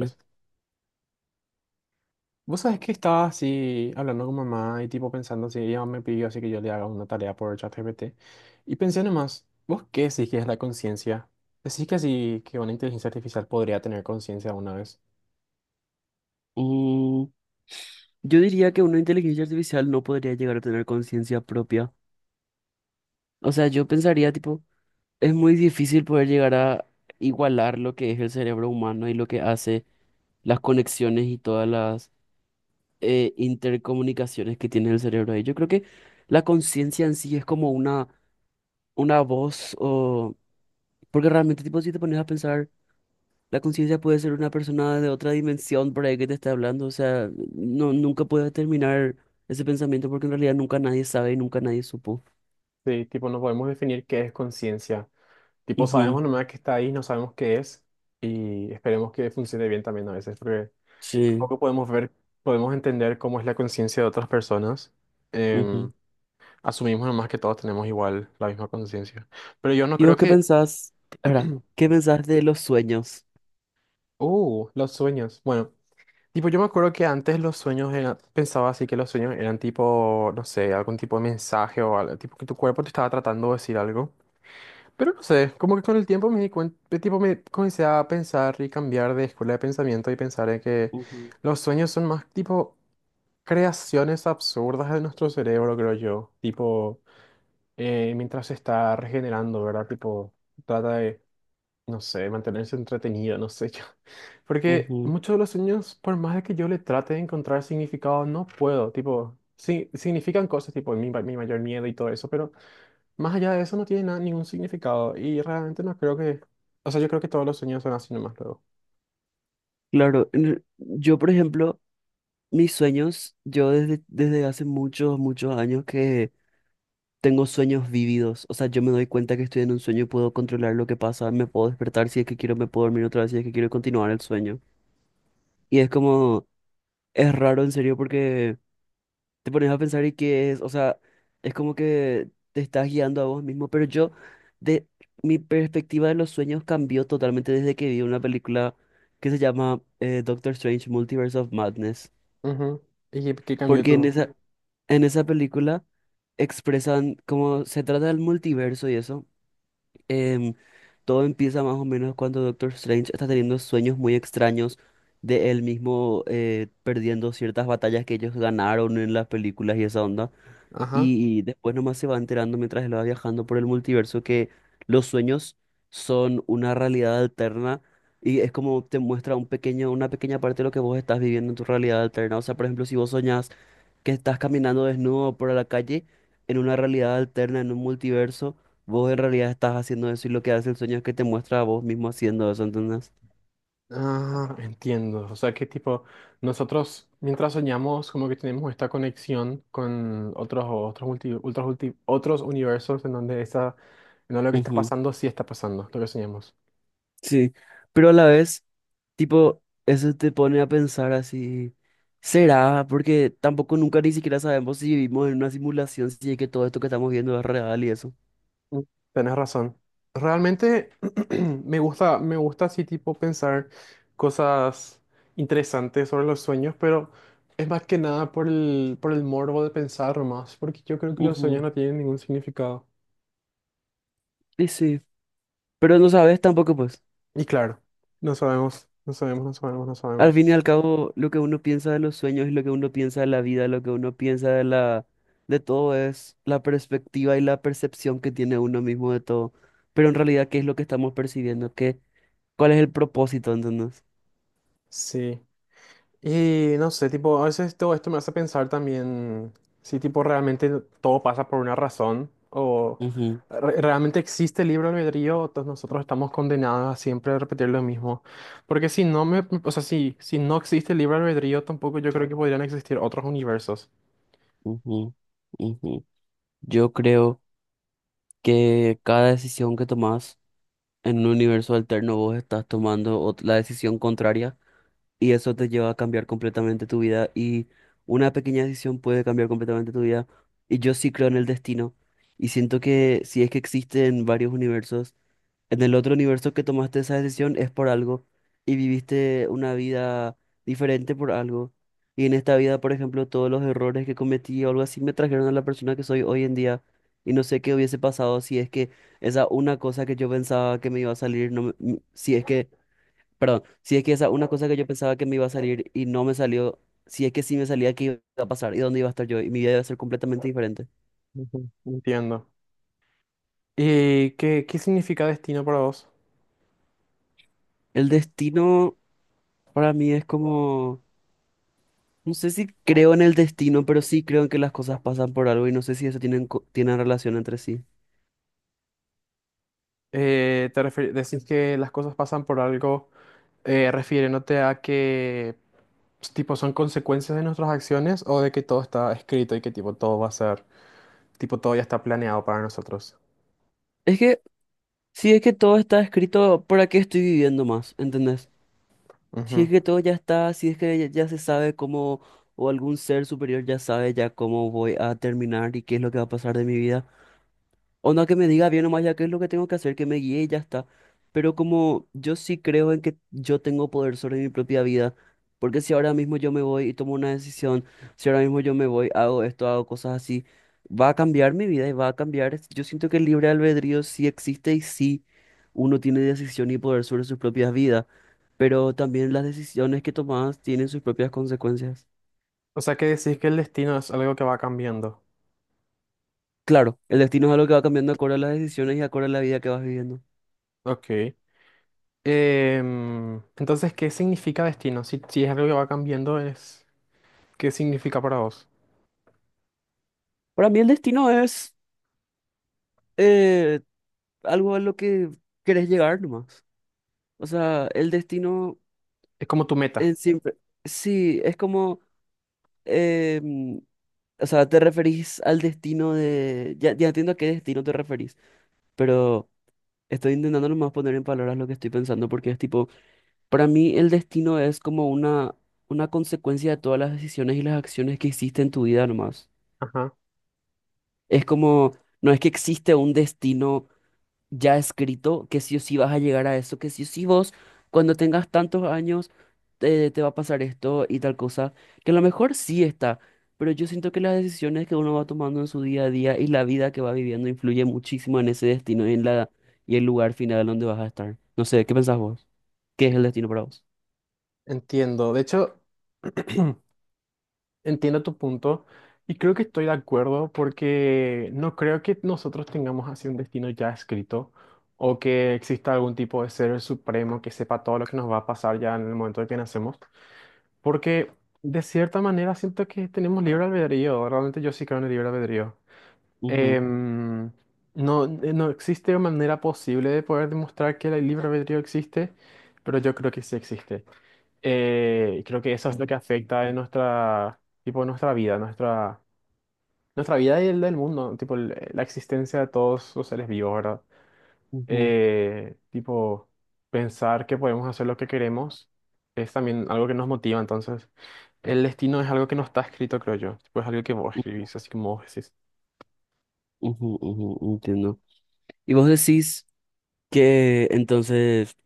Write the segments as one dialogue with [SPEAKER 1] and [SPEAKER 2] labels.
[SPEAKER 1] Mm,
[SPEAKER 2] vos sabés que estaba así hablando con mamá y tipo pensando si ella me pidió así que yo le haga una tarea por ChatGPT. Y pensé nomás, ¿vos qué decís que es la conciencia? ¿Decís que así que una inteligencia artificial podría tener conciencia una vez?
[SPEAKER 1] yo diría que una inteligencia artificial no podría llegar a tener conciencia propia. O sea, yo pensaría, tipo, es muy difícil poder llegar a igualar lo que es el cerebro humano y lo que hace las conexiones y todas las intercomunicaciones que tiene el cerebro ahí. Yo creo que la conciencia en sí es como una voz o... Porque realmente, tipo, si te pones a pensar... La conciencia puede ser una persona de otra dimensión por ahí que te está hablando, o sea, no, nunca puedes terminar ese pensamiento porque en realidad nunca nadie sabe y nunca nadie supo.
[SPEAKER 2] Sí, tipo no podemos definir qué es conciencia. Tipo sabemos
[SPEAKER 1] Ujú,
[SPEAKER 2] nomás que está ahí, no sabemos qué es y esperemos que funcione bien también a veces porque
[SPEAKER 1] sí,
[SPEAKER 2] tampoco podemos ver, podemos entender cómo es la conciencia de otras personas. Em,
[SPEAKER 1] ujú.
[SPEAKER 2] asumimos nomás que todos tenemos igual la misma conciencia. Pero yo no
[SPEAKER 1] ¿Y
[SPEAKER 2] creo
[SPEAKER 1] vos qué
[SPEAKER 2] que...
[SPEAKER 1] pensás? Ahora, ¿qué pensás de los sueños?
[SPEAKER 2] Los sueños. Bueno, tipo, yo me acuerdo que antes los sueños pensaba así que los sueños eran tipo, no sé, algún tipo de mensaje o algo, tipo que tu cuerpo te estaba tratando de decir algo. Pero no sé, como que con el tiempo me di cuenta, tipo, me comencé a pensar y cambiar de escuela de pensamiento y pensar en que
[SPEAKER 1] Ujú,
[SPEAKER 2] los sueños son más tipo creaciones absurdas de nuestro cerebro, creo yo. Tipo, mientras se está regenerando, ¿verdad? Tipo, trata de no sé, mantenerse entretenido, no sé yo. Porque
[SPEAKER 1] ujú.
[SPEAKER 2] muchos de los sueños, por más de que yo le trate de encontrar significado, no puedo. Tipo, sí, significan cosas, tipo mi mayor miedo y todo eso, pero más allá de eso no tiene nada, ningún significado. Y realmente no creo que... O sea, yo creo que todos los sueños son así nomás luego.
[SPEAKER 1] Claro, yo por ejemplo, mis sueños, yo desde hace muchos, muchos años que tengo sueños vívidos, o sea, yo me doy cuenta que estoy en un sueño y puedo controlar lo que pasa, me puedo despertar si es que quiero, me puedo dormir otra vez si es que quiero y continuar el sueño. Y es como, es raro en serio porque te pones a pensar y qué es, o sea, es como que te estás guiando a vos mismo, pero yo, de mi perspectiva de los sueños cambió totalmente desde que vi una película que se llama Doctor Strange Multiverse of Madness,
[SPEAKER 2] Ujú. ¿Y qué, qué cambió
[SPEAKER 1] porque en
[SPEAKER 2] tú?
[SPEAKER 1] esa, en esa película expresan cómo se trata del multiverso y eso, em, todo empieza más o menos cuando Doctor Strange está teniendo sueños muy extraños de él mismo perdiendo ciertas batallas que ellos ganaron en las películas y esa onda.
[SPEAKER 2] Ajá.
[SPEAKER 1] Y después nomás se va enterando mientras él va viajando por el multiverso que los sueños son una realidad alterna y es como te muestra una pequeña parte de lo que vos estás viviendo en tu realidad alterna. O sea, por ejemplo, si vos soñás que estás caminando desnudo por la calle en una realidad alterna, en un multiverso, vos en realidad estás haciendo eso y lo que hace el sueño es que te muestra a vos mismo haciendo eso, ¿entendés?
[SPEAKER 2] Ah, entiendo. O sea, que tipo, nosotros mientras soñamos, como que tenemos esta conexión con otros universos en donde esa, en donde lo que está
[SPEAKER 1] Ujú,
[SPEAKER 2] pasando sí está pasando, lo que soñamos.
[SPEAKER 1] sí, pero a la vez, tipo, eso te pone a pensar así, ¿será? Porque tampoco nunca ni siquiera sabemos si vivimos en una simulación, si es que todo esto que estamos viendo es real y eso.
[SPEAKER 2] Mm, tenés razón. Realmente me gusta así tipo pensar cosas interesantes sobre los sueños, pero es más que nada por el morbo de pensar más, porque yo creo que los sueños
[SPEAKER 1] Ujú,
[SPEAKER 2] no tienen ningún significado.
[SPEAKER 1] y sí, pero no sabes tampoco, pues.
[SPEAKER 2] Y claro, no sabemos, no sabemos, no sabemos, no
[SPEAKER 1] Al
[SPEAKER 2] sabemos.
[SPEAKER 1] fin y al cabo, lo que uno piensa de los sueños y lo que uno piensa de la vida, lo que uno piensa de todo es la perspectiva y la percepción que tiene uno mismo de todo. Pero en realidad, ¿qué es lo que estamos percibiendo? ¿Cuál es el propósito, entonces?
[SPEAKER 2] Sí. Y no sé, tipo, a veces todo esto me hace pensar también si, tipo, realmente todo pasa por una razón o
[SPEAKER 1] Ujú,
[SPEAKER 2] realmente existe el libre albedrío o todos nosotros estamos condenados a siempre repetir lo mismo. Porque si no me, o sea, si no existe el libre albedrío, tampoco yo creo que podrían existir otros universos.
[SPEAKER 1] ujú, ujú. Yo creo que cada decisión que tomás en un universo alterno vos estás tomando la decisión contraria y eso te lleva a cambiar completamente tu vida y una pequeña decisión puede cambiar completamente tu vida y yo sí creo en el destino y siento que si es que existen varios universos, en el otro universo que tomaste esa decisión es por algo y viviste una vida diferente por algo y en esta vida, por ejemplo, todos los errores que cometí o algo así me trajeron a la persona que soy hoy en día. Y no sé qué hubiese pasado si es que esa una cosa que yo pensaba que me iba a salir, si es que... Perdón, si es que esa una cosa que yo pensaba que me iba a salir y no me salió, si es que sí me salía, ¿qué iba a pasar? ¿Y dónde iba a estar yo? Y mi vida iba a ser completamente diferente.
[SPEAKER 2] Ujú. Entiendo. ¿Y qué, qué significa destino para vos?
[SPEAKER 1] El destino para mí es como, no sé si creo en el destino, pero sí creo en que las cosas pasan por algo y no sé si eso tienen, tienen relación entre sí.
[SPEAKER 2] Decís que las cosas pasan por algo. Refiriéndote a que pues, tipo son consecuencias de nuestras acciones o de que todo está escrito y que tipo todo va a ser, tipo todo ya está planeado para nosotros.
[SPEAKER 1] Es que, si es que todo está escrito, ¿para qué estoy viviendo más? ¿Entendés? Si
[SPEAKER 2] Ujú.
[SPEAKER 1] es que todo ya está, si es que ya, ya se sabe cómo, o algún ser superior ya sabe ya cómo voy a terminar y qué es lo que va a pasar de mi vida. Onda que me diga bien nomás ya qué es lo que tengo que hacer, que me guíe y ya está. Pero como yo sí creo en que yo tengo poder sobre mi propia vida, porque si ahora mismo yo me voy y tomo una decisión, si ahora mismo yo me voy, hago esto, hago cosas así, va a cambiar mi vida y va a cambiar. Yo siento que el libre albedrío sí existe y sí uno tiene decisión y poder sobre sus propias vidas, pero también las decisiones que tomas tienen sus propias consecuencias.
[SPEAKER 2] O sea que decís que el destino es algo que va cambiando.
[SPEAKER 1] Claro, el destino es algo que va cambiando acorde a las decisiones y acorde a la vida que vas viviendo.
[SPEAKER 2] Ok. Entonces, ¿qué significa destino? Si es algo que va cambiando, es, ¿qué significa para vos?
[SPEAKER 1] Para mí el destino es eh, algo a lo que querés llegar nomás. O sea, el destino
[SPEAKER 2] Es como tu meta.
[SPEAKER 1] en siempre. Sí, es como. em, o sea, te referís al destino de. Ya, ya entiendo a qué destino te referís, pero estoy intentando nomás poner en palabras lo que estoy pensando, porque es tipo. Para mí, el destino es como una consecuencia de todas las decisiones y las acciones que hiciste en tu vida nomás.
[SPEAKER 2] Ajá.
[SPEAKER 1] Es como. No es que existe un destino ya escrito que sí o sí vas a llegar a eso, que sí o sí vos, cuando tengas tantos años, te va a pasar esto y tal cosa, que a lo mejor sí está, pero yo siento que las decisiones que uno va tomando en su día a día y la vida que va viviendo influye muchísimo en ese destino y en la, y el lugar final donde vas a estar. No sé, ¿qué pensás vos? ¿Qué es el destino para vos?
[SPEAKER 2] Entiendo. De hecho, entiendo tu punto y creo que estoy de acuerdo porque no creo que nosotros tengamos así un destino ya escrito o que exista algún tipo de ser supremo que sepa todo lo que nos va a pasar ya en el momento de que nacemos. Porque de cierta manera siento que tenemos libre albedrío. Realmente yo sí creo en el libre albedrío.
[SPEAKER 1] Ujú,
[SPEAKER 2] Em, no existe manera posible de poder demostrar que el libre albedrío existe, pero yo creo que sí existe. Creo que eso es lo que afecta en nuestra, tipo, nuestra vida y el del mundo, tipo, la existencia de todos los seres vivos, ¿verdad?
[SPEAKER 1] ujú,
[SPEAKER 2] Tipo, pensar que podemos hacer lo que queremos es también algo que nos motiva, entonces, el destino es algo que no está escrito, creo yo, tipo, es algo que vos
[SPEAKER 1] u-
[SPEAKER 2] escribís, así como vos decís.
[SPEAKER 1] ujú, ujú, entiendo. Y vos decís que entonces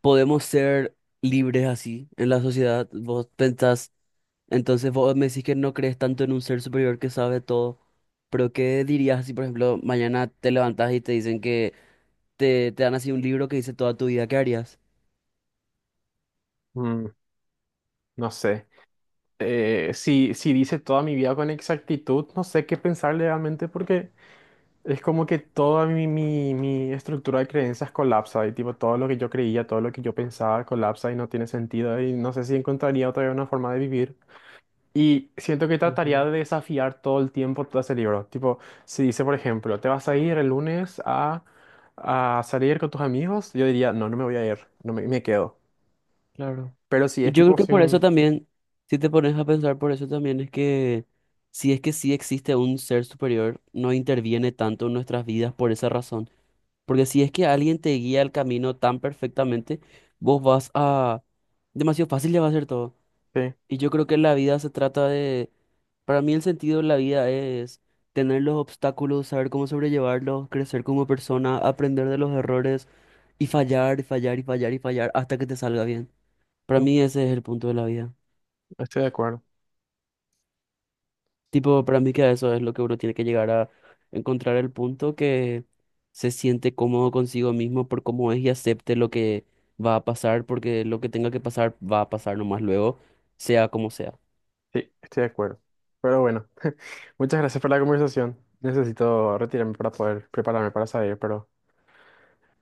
[SPEAKER 1] podemos ser libres así en la sociedad. Vos pensás, entonces vos me decís que no crees tanto en un ser superior que sabe todo, pero ¿qué dirías si, por ejemplo, mañana te levantás y te dicen que te dan así un libro que dice toda tu vida, ¿qué harías?
[SPEAKER 2] Mm, no sé. Si dice toda mi vida con exactitud, no sé qué pensar realmente porque... Es como que toda mi estructura de creencias colapsa y tipo todo lo que yo creía, todo lo que yo pensaba colapsa y no tiene sentido y no sé si encontraría otra vez una forma de vivir. Y siento que
[SPEAKER 1] Ujú,
[SPEAKER 2] trataría de desafiar todo el tiempo todo ese libro. Tipo, si dice, por ejemplo, te vas a ir el lunes a salir con tus amigos, yo diría, no, no me voy a ir, no me, me quedo.
[SPEAKER 1] claro.
[SPEAKER 2] Pero si
[SPEAKER 1] Y
[SPEAKER 2] es
[SPEAKER 1] yo creo
[SPEAKER 2] tipo,
[SPEAKER 1] que
[SPEAKER 2] si
[SPEAKER 1] por eso
[SPEAKER 2] un...
[SPEAKER 1] también, si te pones a pensar, por eso también es que si es que sí existe un ser superior, no interviene tanto en nuestras vidas por esa razón. Porque si es que alguien te guía el camino tan perfectamente, vos vas a... Demasiado fácil le va a ser todo.
[SPEAKER 2] Sí,
[SPEAKER 1] Y yo creo que la vida se trata de... Para mí el sentido de la vida es tener los obstáculos, saber cómo sobrellevarlos, crecer como persona, aprender de los errores y fallar y fallar y fallar y fallar hasta que te salga bien. Para
[SPEAKER 2] mm,
[SPEAKER 1] mí ese es el punto de la vida.
[SPEAKER 2] estoy de acuerdo.
[SPEAKER 1] Tipo, para mí que eso es lo que uno tiene que llegar a encontrar el punto que se siente cómodo consigo mismo por cómo es y acepte lo que va a pasar, porque lo que tenga que pasar va a pasar nomás luego, sea como sea.
[SPEAKER 2] Sí, estoy de acuerdo. Pero bueno. Muchas gracias por la conversación. Necesito retirarme para poder prepararme para salir, pero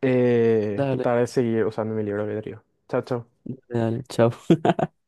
[SPEAKER 1] Dale,
[SPEAKER 2] trataré de seguir usando mi libro de albedrío. Chao, chao.
[SPEAKER 1] dale, chao.